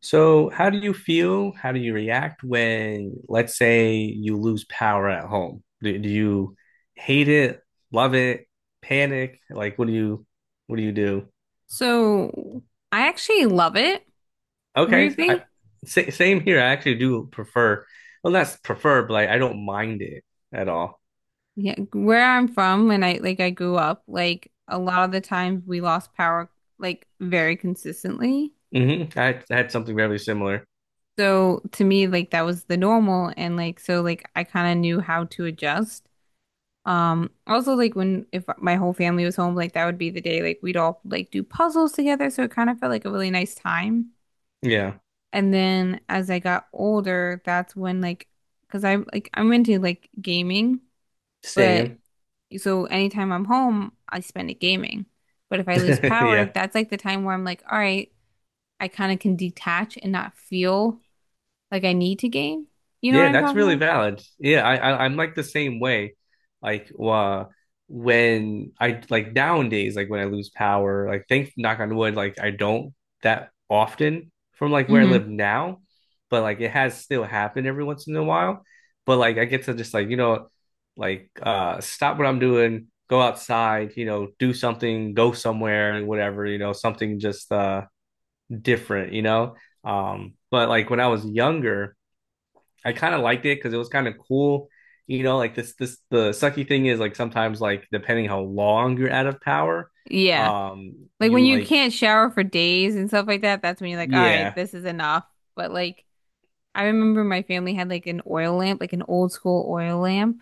So, how do you feel? How do you react when let's say, you lose power at home? Do you hate it, love it, panic? Like, what do you do? So I actually love it, Okay, I weirdly. Same here. I actually do prefer, well, not prefer, but like, I don't mind it at all. Yeah, where I'm from when I grew up, like a lot of the times we lost power like very consistently. I had something very similar. So to me, like that was the normal and like so like I kind of knew how to adjust. Also, like when if my whole family was home, like that would be the day like we'd all like do puzzles together, so it kind of felt like a really nice time. Yeah, And then as I got older, that's when like because I'm into like gaming, but same. so anytime I'm home, I spend it gaming. But if I lose power, Yeah. that's like the time where I'm like, all right, I kind of can detach and not feel like I need to game. You know what Yeah, I'm that's talking really about? valid. Yeah, I'm like the same way. Like uh, when I like nowadays, like when I lose power, like thank knock on wood, like I don't that often from like where I Hmm. live now, but like it has still happened every once in a while. But like I get to just like, you know, like stop what I'm doing, go outside, you know, do something, go somewhere, whatever, you know, something just different, But like when I was younger I kind of liked it because it was kind of cool. You know, like this the sucky thing is like sometimes like depending how long you're out of power, Yeah. Like when you you like can't shower for days and stuff like that, that's when you're like, all right, yeah, this is enough. But like, I remember my family had like an oil lamp, like an old school oil lamp,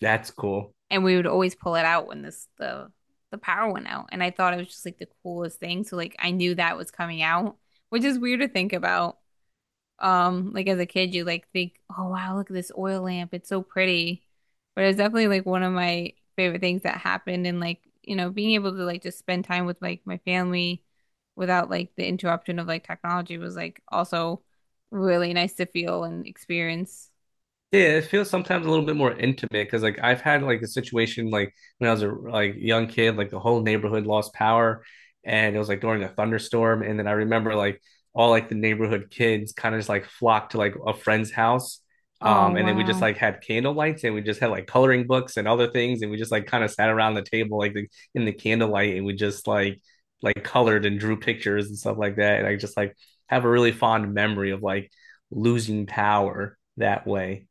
that's cool. and we would always pull it out when this the power went out. And I thought it was just like the coolest thing. So like I knew that was coming out, which is weird to think about. Like as a kid, you like think, oh wow, look at this oil lamp. It's so pretty. But it was definitely like one of my favorite things that happened and like, you know, being able to like just spend time with like my family without like the interruption of like technology was like also really nice to feel and experience. Yeah, it feels sometimes a little bit more intimate because like I've had like a situation like when I was a like young kid, like the whole neighborhood lost power and it was like during a thunderstorm. And then I remember like all like the neighborhood kids kind of just like flocked to like a friend's house. Oh And then we just wow. like had candle lights and we just had like coloring books and other things and we just like kind of sat around the table in the candlelight and we just like colored and drew pictures and stuff like that. And I just like have a really fond memory of like losing power that way.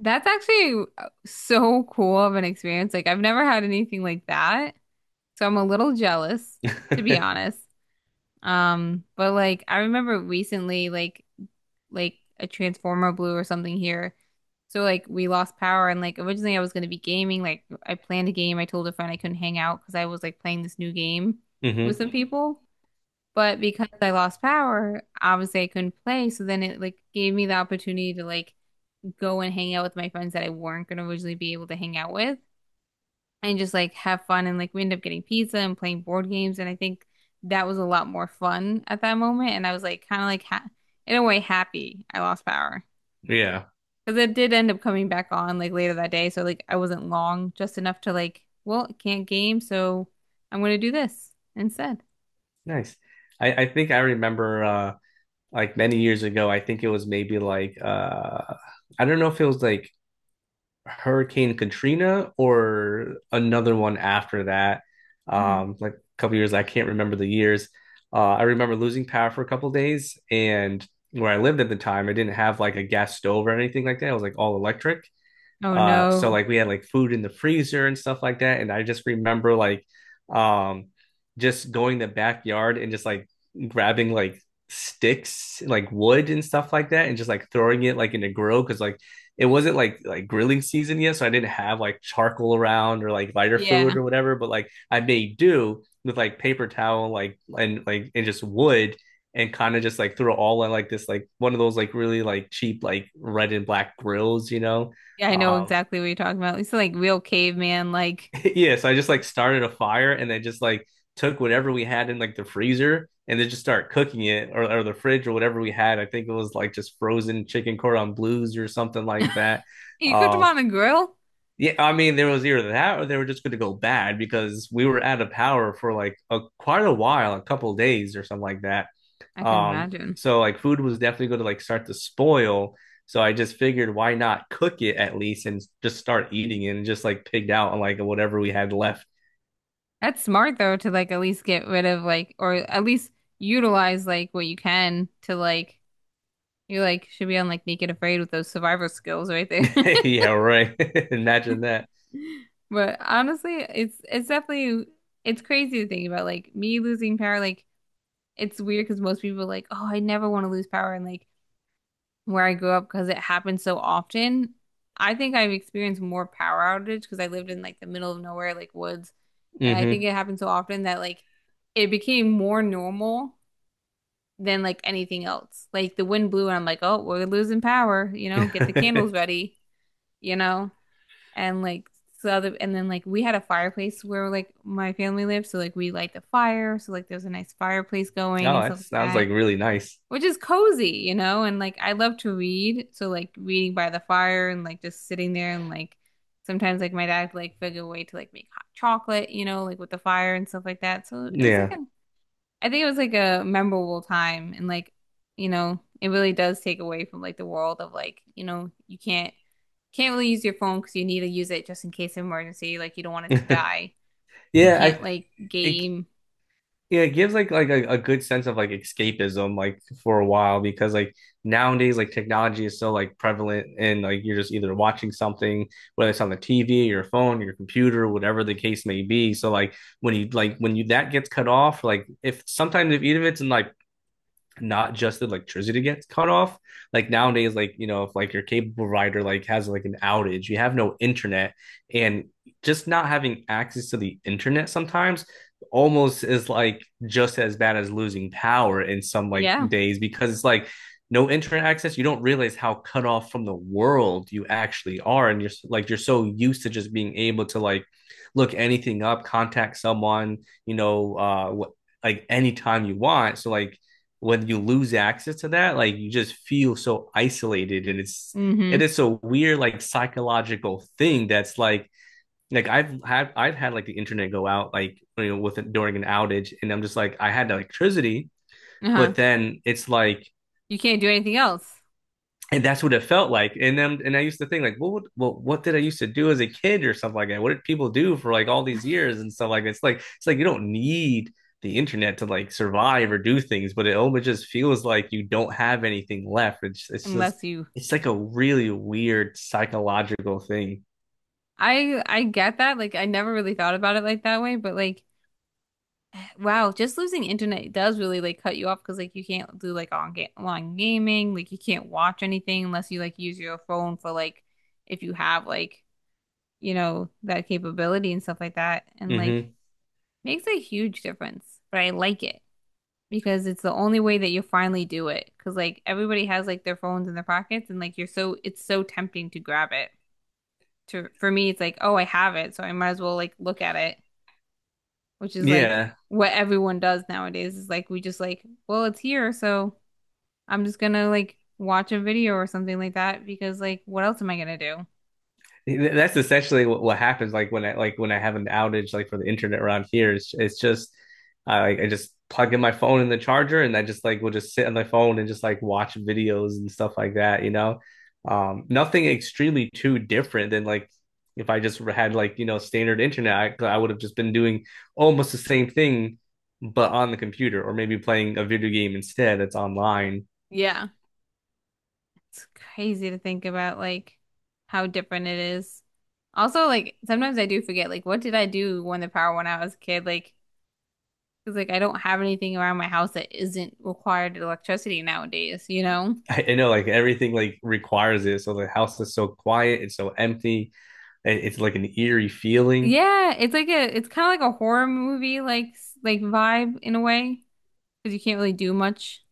That's actually so cool of an experience. Like I've never had anything like that. So I'm a little jealous, to be honest. But like I remember recently, like a transformer blue or something here. So like we lost power and like originally I was going to be gaming. Like I planned a game. I told a friend I couldn't hang out because I was like playing this new game with Mm-hmm. some people. But because I lost power, obviously I couldn't play. So then it like gave me the opportunity to like go and hang out with my friends that I weren't going to originally be able to hang out with and just like have fun. And like we ended up getting pizza and playing board games. And I think that was a lot more fun at that moment. And I was like kind of like ha in a way happy I lost power. Yeah. Because it did end up coming back on like later that day. So like I wasn't long, just enough to like, well, I can't game, so I'm gonna do this instead. Nice. I think I remember like many years ago, I think it was maybe like I don't know if it was like Hurricane Katrina or another one after that. Hmm. Um, like a couple years, I can't remember the years. Uh, I remember losing power for a couple days, and where I lived at the time, I didn't have like a gas stove or anything like that. It was like all electric. Oh So no. like we had like food in the freezer and stuff like that. And I just remember like um just going to the backyard and just like grabbing like sticks, like wood and stuff like that, and just like throwing it like in a grill because like it wasn't like grilling season yet, so I didn't have like charcoal around or like lighter fluid Yeah. or whatever. But like I made do with like paper towel, and just wood, and kind of just like threw it all in like this like one of those like really like cheap like red and black grills, you know. Yeah, I know Um, exactly what you're talking about. It's like real caveman, like, yeah, so I just like started a fire and then just like took whatever we had in like the freezer and then just start cooking it or the fridge or whatever we had. I think it was like just frozen chicken cordon blues or something like that. you cooked them Um, on the grill? yeah, I mean there was either that or they were just going to go bad because we were out of power for like a quite a while, a couple days or something like that. I can imagine. So like food was definitely going to like start to spoil. So I just figured why not cook it at least and just start eating it and just like pigged out on like whatever we had left. That's smart though to like at least get rid of like or at least utilize like what you can to like, you like should be on like Naked Afraid with those survivor skills right there. Yeah, right. Imagine that. But honestly, it's definitely it's crazy to think about like me losing power. Like it's weird because most people are like, oh, I never want to lose power, and like where I grew up because it happens so often. I think I've experienced more power outage because I lived in like the middle of nowhere, like woods, and I think Mm-hmm. it happened so often that like it became more normal than like anything else. Like the wind blew, and I'm like, oh, we're losing power. You know, get the candles ready. You know, and like so other and then like we had a fireplace where like my family lived, so like we light the fire, so like there's a nice fireplace going Oh, and that stuff like sounds like that, really nice. which is cozy, you know. And like I love to read, so like reading by the fire and like just sitting there and like sometimes like my dad like figure a way to like make hot chocolate, you know, like with the fire and stuff like that. So it was like Yeah. a, I think it was like a memorable time and like you know it really does take away from like the world of like you know you can't really use your phone because you need to use it just in case of emergency. Like you don't want it to die. You Yeah, can't I like it game. Yeah, it gives like a good sense of like escapism like for a while, because like nowadays like technology is so like prevalent and like you're just either watching something, whether it's on the TV, your phone, your computer, whatever the case may be. So like when you that gets cut off, like if sometimes if even if it's in like not just the electricity gets cut off. Like nowadays, like you know, if like your cable provider like has like an outage, you have no internet, and just not having access to the internet sometimes almost is like just as bad as losing power in some like Yeah. days, because it's like no internet access, you don't realize how cut off from the world you actually are, and you're so used to just being able to like look anything up, contact someone, you know, like anytime you want. So like when you lose access to that, like you just feel so isolated, and Mm-hmm. it is a weird like psychological thing that's like I've had like the internet go out like you know with during an outage, and I'm just like I had electricity Uh-huh. but then it's like You can't do anything else and that's what it felt like. And then, and I used to think like, well, what did I used to do as a kid or something like that? What did people do for like all these years and stuff like that? It's like you don't need the internet to like survive or do things, but it almost just feels like you don't have anything left. It's just unless you. it's like a really weird psychological thing. I get that. Like I never really thought about it like that way, but like wow, just losing internet does really like cut you off because like you can't do like on ga online gaming. Like you can't watch anything unless you like use your phone for like if you have like you know that capability and stuff like that. And like Mm-hmm. makes a huge difference. But I like it, because it's the only way that you'll finally do it. Because like everybody has like their phones in their pockets, and like you're so it's so tempting to grab it. To for me, it's like oh I have it, so I might as well like look at it, which is like Yeah. what everyone does nowadays. Is like we just like well it's here, so I'm just gonna like watch a video or something like that because like what else am I gonna do? That's essentially what happens like when I have an outage like for the internet around here, it's just I like I just plug in my phone in the charger and I just like will just sit on my phone and just like watch videos and stuff like that, you know. Um, nothing extremely too different than like if I just had like you know standard internet, I would have just been doing almost the same thing but on the computer, or maybe playing a video game instead that's online. Yeah, it's crazy to think about like how different it is. Also, like sometimes I do forget like what did I do when the power went out as a kid? Like because like I don't have anything around my house that isn't required electricity nowadays, you know? I know, like everything like requires it, so the house is so quiet, it's so empty. It's like an eerie feeling. Yeah, it's like a it's kind of like a horror movie like s- like vibe in a way because you can't really do much.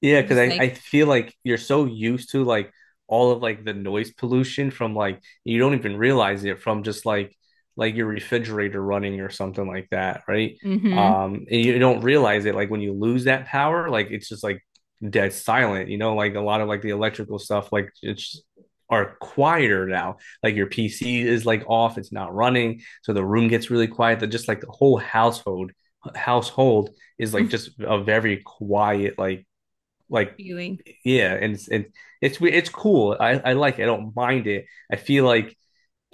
Yeah, You're because just I like, feel like you're so used to like all of like the noise pollution from like you don't even realize it from just like your refrigerator running or something like that, right? mm-hmm, And you don't realize it like when you lose that power, like it's just like dead silent, you know, like a lot of like the electrical stuff, like it's are quieter now. Like your PC is like off, it's not running, so the room gets really quiet. That just like the whole household is like just a very quiet like feeling. yeah, and it's cool, I like it. I don't mind it, I feel like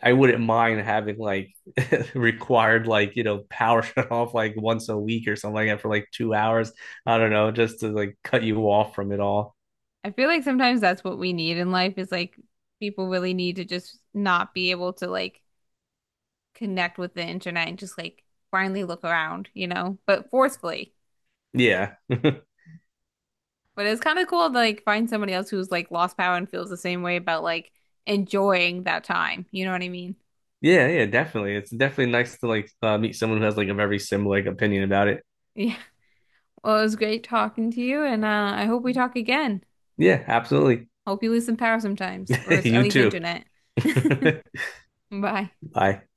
I wouldn't mind having like required like you know power shut off like once a week or something like that for like 2 hours, I don't know, just to like cut you off from it all. I feel like sometimes that's what we need in life is like people really need to just not be able to like connect with the internet and just like blindly look around, you know, but forcefully. yeah But it's kind of cool to like find somebody else who's like lost power and feels the same way about like enjoying that time. You know what I mean? Yeah, definitely. It's definitely nice to like meet someone who has like a very similar like opinion about it. Yeah. Well, it was great talking to you, and I hope we talk again. yeah, absolutely. Hope you lose some power sometimes, or at you least too. internet. Bye. bye.